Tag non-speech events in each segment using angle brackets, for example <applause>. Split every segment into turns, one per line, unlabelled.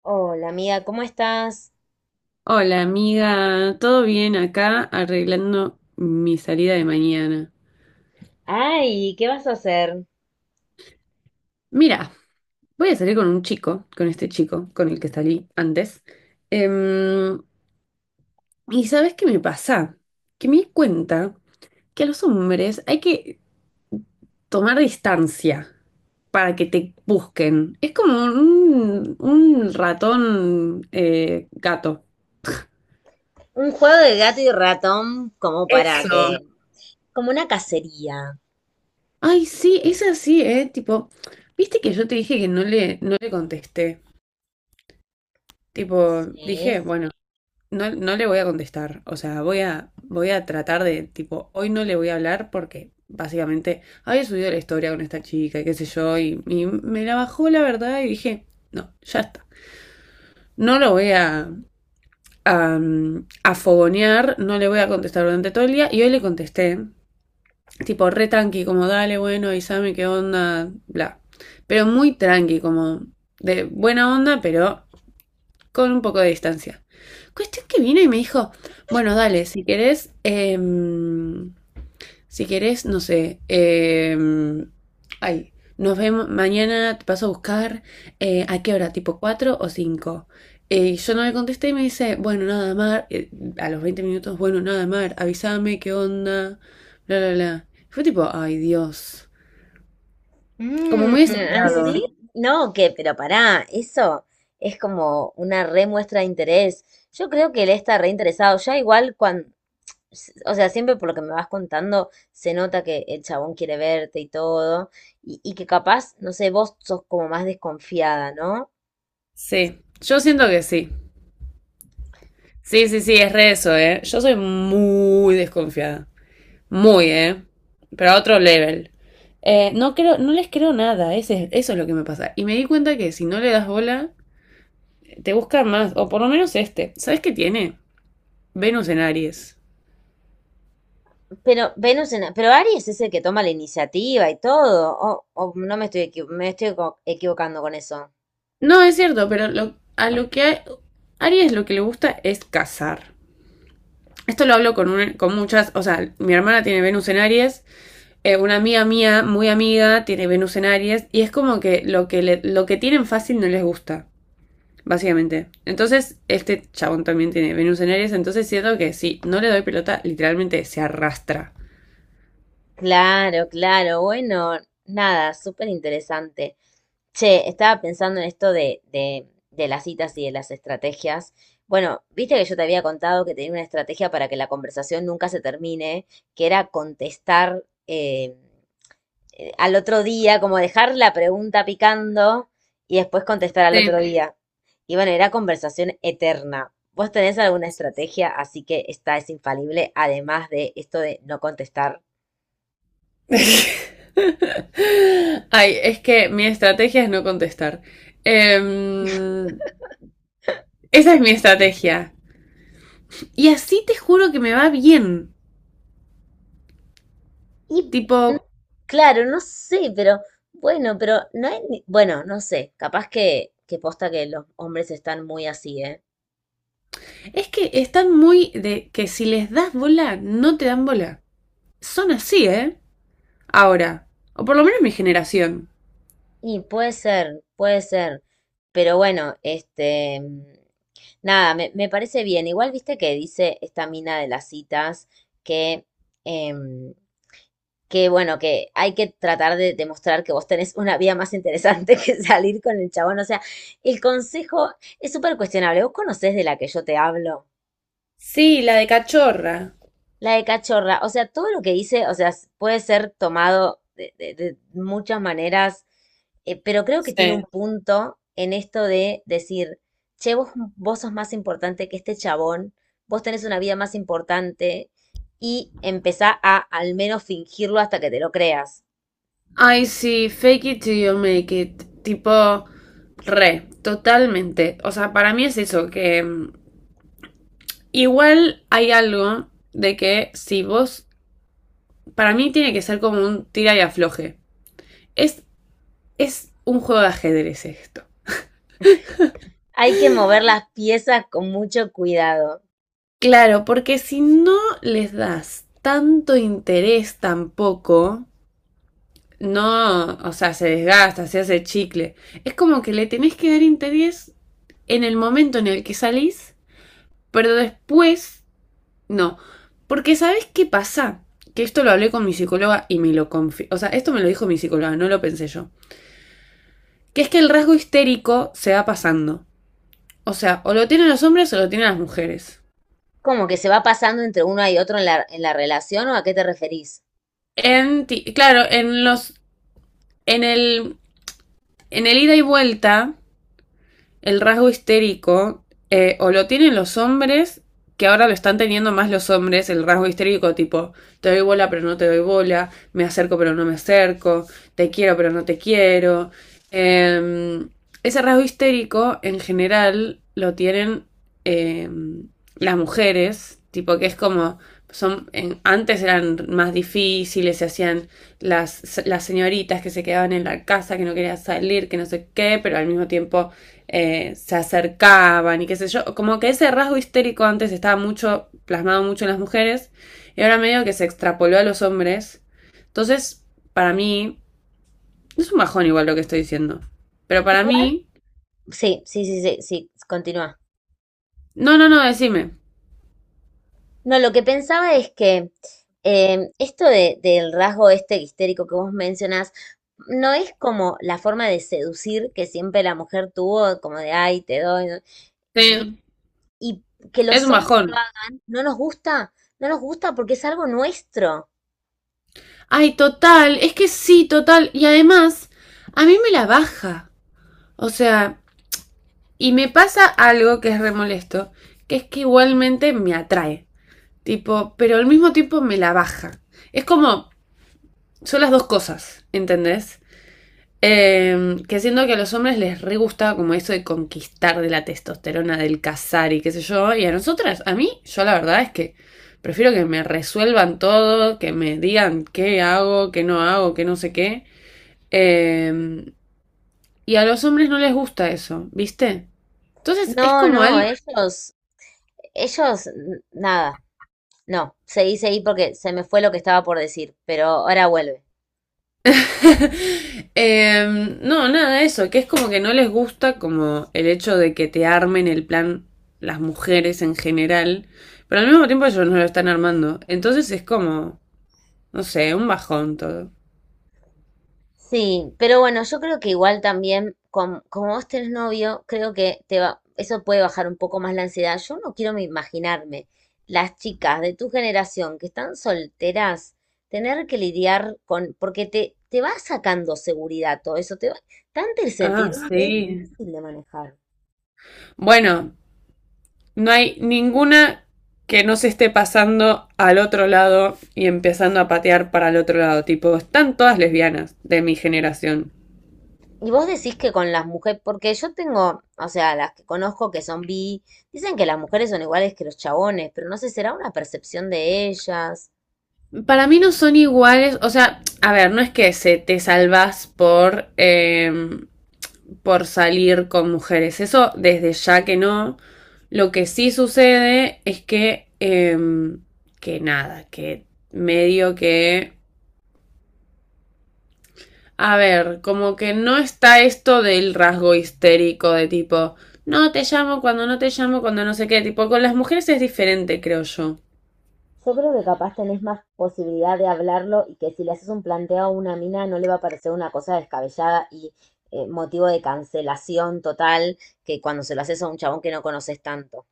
Hola amiga, ¿cómo estás?
Hola amiga, ¿todo bien acá arreglando mi salida de mañana?
Ay, ¿qué vas a hacer?
Mira, voy a salir con un chico, con este chico con el que salí antes. Em, ¿Y sabes qué me pasa? Que me di cuenta que a los hombres hay que tomar distancia para que te busquen. Es como un ratón gato.
Un juego de gato y ratón como para que,
Eso.
como una cacería.
Ay, sí, es así, ¿eh? Tipo, ¿viste que yo te dije que no le contesté? Tipo,
Sí.
dije, bueno, no, no le voy a contestar. O sea, voy a tratar de, tipo, hoy no le voy a hablar porque básicamente había subido la historia con esta chica y qué sé yo, y me la bajó la verdad y dije, no, ya está. No lo voy a, a, a fogonear, no le voy a contestar durante todo el día. Y hoy le contesté, tipo, re tranqui, como, dale, bueno, avísame qué onda, bla. Pero muy tranqui, como, de buena onda, pero con un poco de distancia. Cuestión que vino y me dijo, bueno, dale, si querés, si querés, no sé, ay, nos vemos mañana, te paso a buscar, ¿a qué hora? ¿Tipo 4 o cinco? Yo no le contesté y me dice, bueno, nada, Mar, a los 20 minutos, bueno, nada, Mar, avísame, qué onda, bla, bla, bla. Fue tipo, ay, Dios, como
Mm,
muy desesperado.
así, no, ¿qué? Pero pará, eso es como una re muestra de interés. Yo creo que él está re interesado. Ya igual cuando, o sea, siempre por lo que me vas contando, se nota que el chabón quiere verte y todo, y que capaz, no sé, vos sos como más desconfiada, ¿no?
Sí, yo siento que sí. Sí, sí, sí, es re eso, ¿eh? Yo soy muy desconfiada. Muy, ¿eh? Pero a otro level. No creo, no les creo nada, ese, eso es lo que me pasa. Y me di cuenta que si no le das bola, te buscan más, o por lo menos este. ¿Sabes qué tiene? Venus en Aries.
Pero Venus en, pero Aries es el que toma la iniciativa y todo. O no me estoy me estoy equivocando con eso.
No, es cierto, pero lo, a lo que a Aries lo que le gusta es cazar. Esto lo hablo con, con muchas, o sea, mi hermana tiene Venus en Aries, una amiga mía, muy amiga, tiene Venus en Aries y es como que lo que tienen fácil no les gusta, básicamente. Entonces, este chabón también tiene Venus en Aries, entonces siento que si no le doy pelota, literalmente se arrastra.
Claro, claro. Bueno, nada, súper interesante. Che, estaba pensando en esto de las citas y de las estrategias. Bueno, viste que yo te había contado que tenía una estrategia para que la conversación nunca se termine, que era contestar, al otro día, como dejar la pregunta picando y después contestar al otro
Sí.
día. Y bueno, era conversación eterna. ¿Vos tenés alguna estrategia? Así que esta es infalible, además de esto de no contestar.
<laughs> Ay, es que mi estrategia es no contestar. Em, Esa es mi estrategia. Y así te juro que me va bien.
Y
Tipo,
claro, no sé, pero bueno, pero no hay, bueno, no sé, capaz que posta que los hombres están muy así, ¿eh?
es que están muy de que si les das bola, no te dan bola. Son así, ¿eh? Ahora. O por lo menos mi generación.
Y puede ser, puede ser. Pero bueno, este, nada, me parece bien. Igual viste que dice esta mina de las citas que, em, que bueno, que hay que tratar de demostrar que vos tenés una vida más interesante <laughs> que salir con el chabón. O sea, el consejo es súper cuestionable. ¿Vos conocés de la que yo te hablo?
Sí, la de cachorra.
La de cachorra, o sea, todo lo que dice, o sea, puede ser tomado de, de muchas maneras, pero creo que tiene un
Sí.
punto en esto de decir, che, vos, vos sos más importante que este chabón, vos tenés una vida más importante y empezá a al menos fingirlo hasta que te lo creas.
Ay, sí, fake it till you make it. Tipo, re, totalmente. O sea, para mí es eso, que mm, igual hay algo de que si vos, para mí tiene que ser como un tira y afloje. Es, es un juego de ajedrez esto.
Hay que mover las piezas con mucho cuidado.
Claro, porque si no les das tanto interés tampoco. No, o sea, se desgasta, se hace chicle. Es como que le tenés que dar interés en el momento en el que salís, pero después no. Porque ¿sabés qué pasa? Que esto lo hablé con mi psicóloga y me lo confío. O sea, esto me lo dijo mi psicóloga, no lo pensé yo. Que es que el rasgo histérico se va pasando. O sea, o lo tienen los hombres o lo tienen las mujeres.
Como que se va pasando entre uno y otro en la relación, ¿o a qué te referís?
Claro, en los... En el... En el ida y vuelta, el rasgo histérico, o lo tienen los hombres, que ahora lo están teniendo más los hombres, el rasgo histérico, tipo, te doy bola pero no te doy bola, me acerco pero no me acerco, te quiero pero no te quiero. Eh, Ese rasgo histérico en general lo tienen eh, las mujeres, tipo que es como, son, antes eran más difíciles, se hacían las señoritas que se quedaban en la casa, que no querían salir, que no sé qué, pero al mismo tiempo se acercaban y qué sé yo. Como que ese rasgo histérico antes estaba mucho, plasmado mucho en las mujeres, y ahora medio que se extrapoló a los hombres. Entonces, para mí, es un bajón igual lo que estoy diciendo. Pero para
Igual.
mí,
Sí, sí, sí, sí, sí, continúa.
no, no, no, decime.
No, lo que pensaba es que esto del rasgo este histérico que vos mencionás, no es como la forma de seducir que siempre la mujer tuvo, como de, ay, te doy, ¿no? Y,
Sí,
y que
es
los
un
hombres lo
bajón.
hagan, no nos gusta, no nos gusta porque es algo nuestro.
Ay, total, es que sí, total. Y además, a mí me la baja. O sea, y me pasa algo que es re molesto, que es que igualmente me atrae. Tipo, pero al mismo tiempo me la baja. Es como, son las dos cosas, ¿entendés? Que siento que a los hombres les re gustaba como eso de conquistar, de la testosterona, del cazar y qué sé yo. Y a nosotras, a mí, yo la verdad es que prefiero que me resuelvan todo, que me digan qué hago, qué no sé qué. Eh, y a los hombres no les gusta eso, ¿viste? Entonces es
No,
como
no,
algo.
ellos, nada, no, seguí, seguí porque se me fue lo que estaba por decir, pero ahora vuelve.
<laughs> No, nada, eso, que es como que no les gusta como el hecho de que te armen el plan las mujeres en general, pero al mismo tiempo ellos no lo están armando. Entonces es como, no sé, un bajón todo.
Sí, pero bueno, yo creo que igual también, como vos tenés novio, creo que te va, eso puede bajar un poco más la ansiedad. Yo no quiero me imaginarme las chicas de tu generación que están solteras, tener que lidiar con, porque te va sacando seguridad todo eso, te va, tanta
Ah,
incertidumbre es
sí.
difícil de manejar.
Bueno, no hay ninguna que no se esté pasando al otro lado y empezando a patear para el otro lado. Tipo, están todas lesbianas de mi generación.
Y vos decís que con las mujeres, porque yo tengo, o sea, las que conozco que son bi, dicen que las mujeres son iguales que los chabones, pero no sé, será una percepción de ellas.
Para mí no son iguales, o sea, a ver, no es que se te salvas por salir con mujeres, eso desde ya que no. Lo que sí sucede es que nada, que medio que... A ver, como que no está esto del rasgo histérico de tipo, no te llamo cuando no te llamo, cuando no sé qué, tipo, con las mujeres es diferente, creo yo.
Yo creo que capaz tenés más posibilidad de hablarlo y que si le haces un planteo a una mina no le va a parecer una cosa descabellada y motivo de cancelación total que cuando se lo haces a un chabón que no conoces tanto.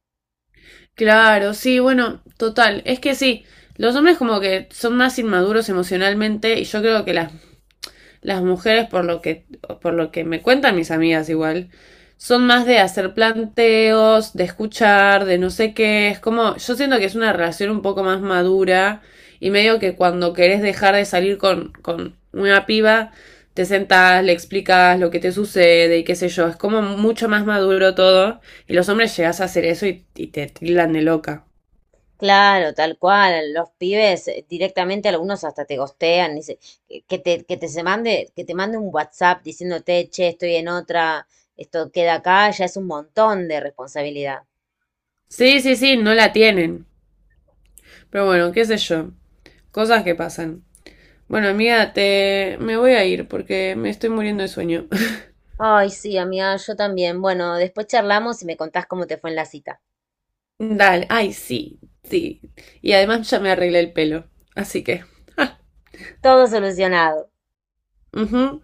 Claro, sí, bueno, total. Es que sí, los hombres como que son más inmaduros emocionalmente y yo creo que las mujeres, por lo que me cuentan mis amigas igual, son más de hacer planteos, de escuchar, de no sé qué. Es como, yo siento que es una relación un poco más madura y medio que cuando querés dejar de salir con una piba, te sentás, le explicas lo que te sucede y qué sé yo. Es como mucho más maduro todo y los hombres llegás a hacer eso y te tildan de loca.
Claro, tal cual. Los pibes directamente algunos hasta te gostean, dice, que te, que te se mande, que te mande un WhatsApp diciéndote, che, estoy en otra, esto queda acá, ya es un montón de responsabilidad.
Sí, sí, sí, no la tienen. Pero bueno, qué sé yo. Cosas que pasan. Bueno, amiga, te... me voy a ir porque me estoy muriendo de sueño. <laughs>
Ay, sí, amiga, yo también. Bueno, después charlamos y me contás cómo te fue en la cita.
Dale, ay, sí, sí. Y además ya me arreglé el pelo, así que... ah,
Todo solucionado.
ujú.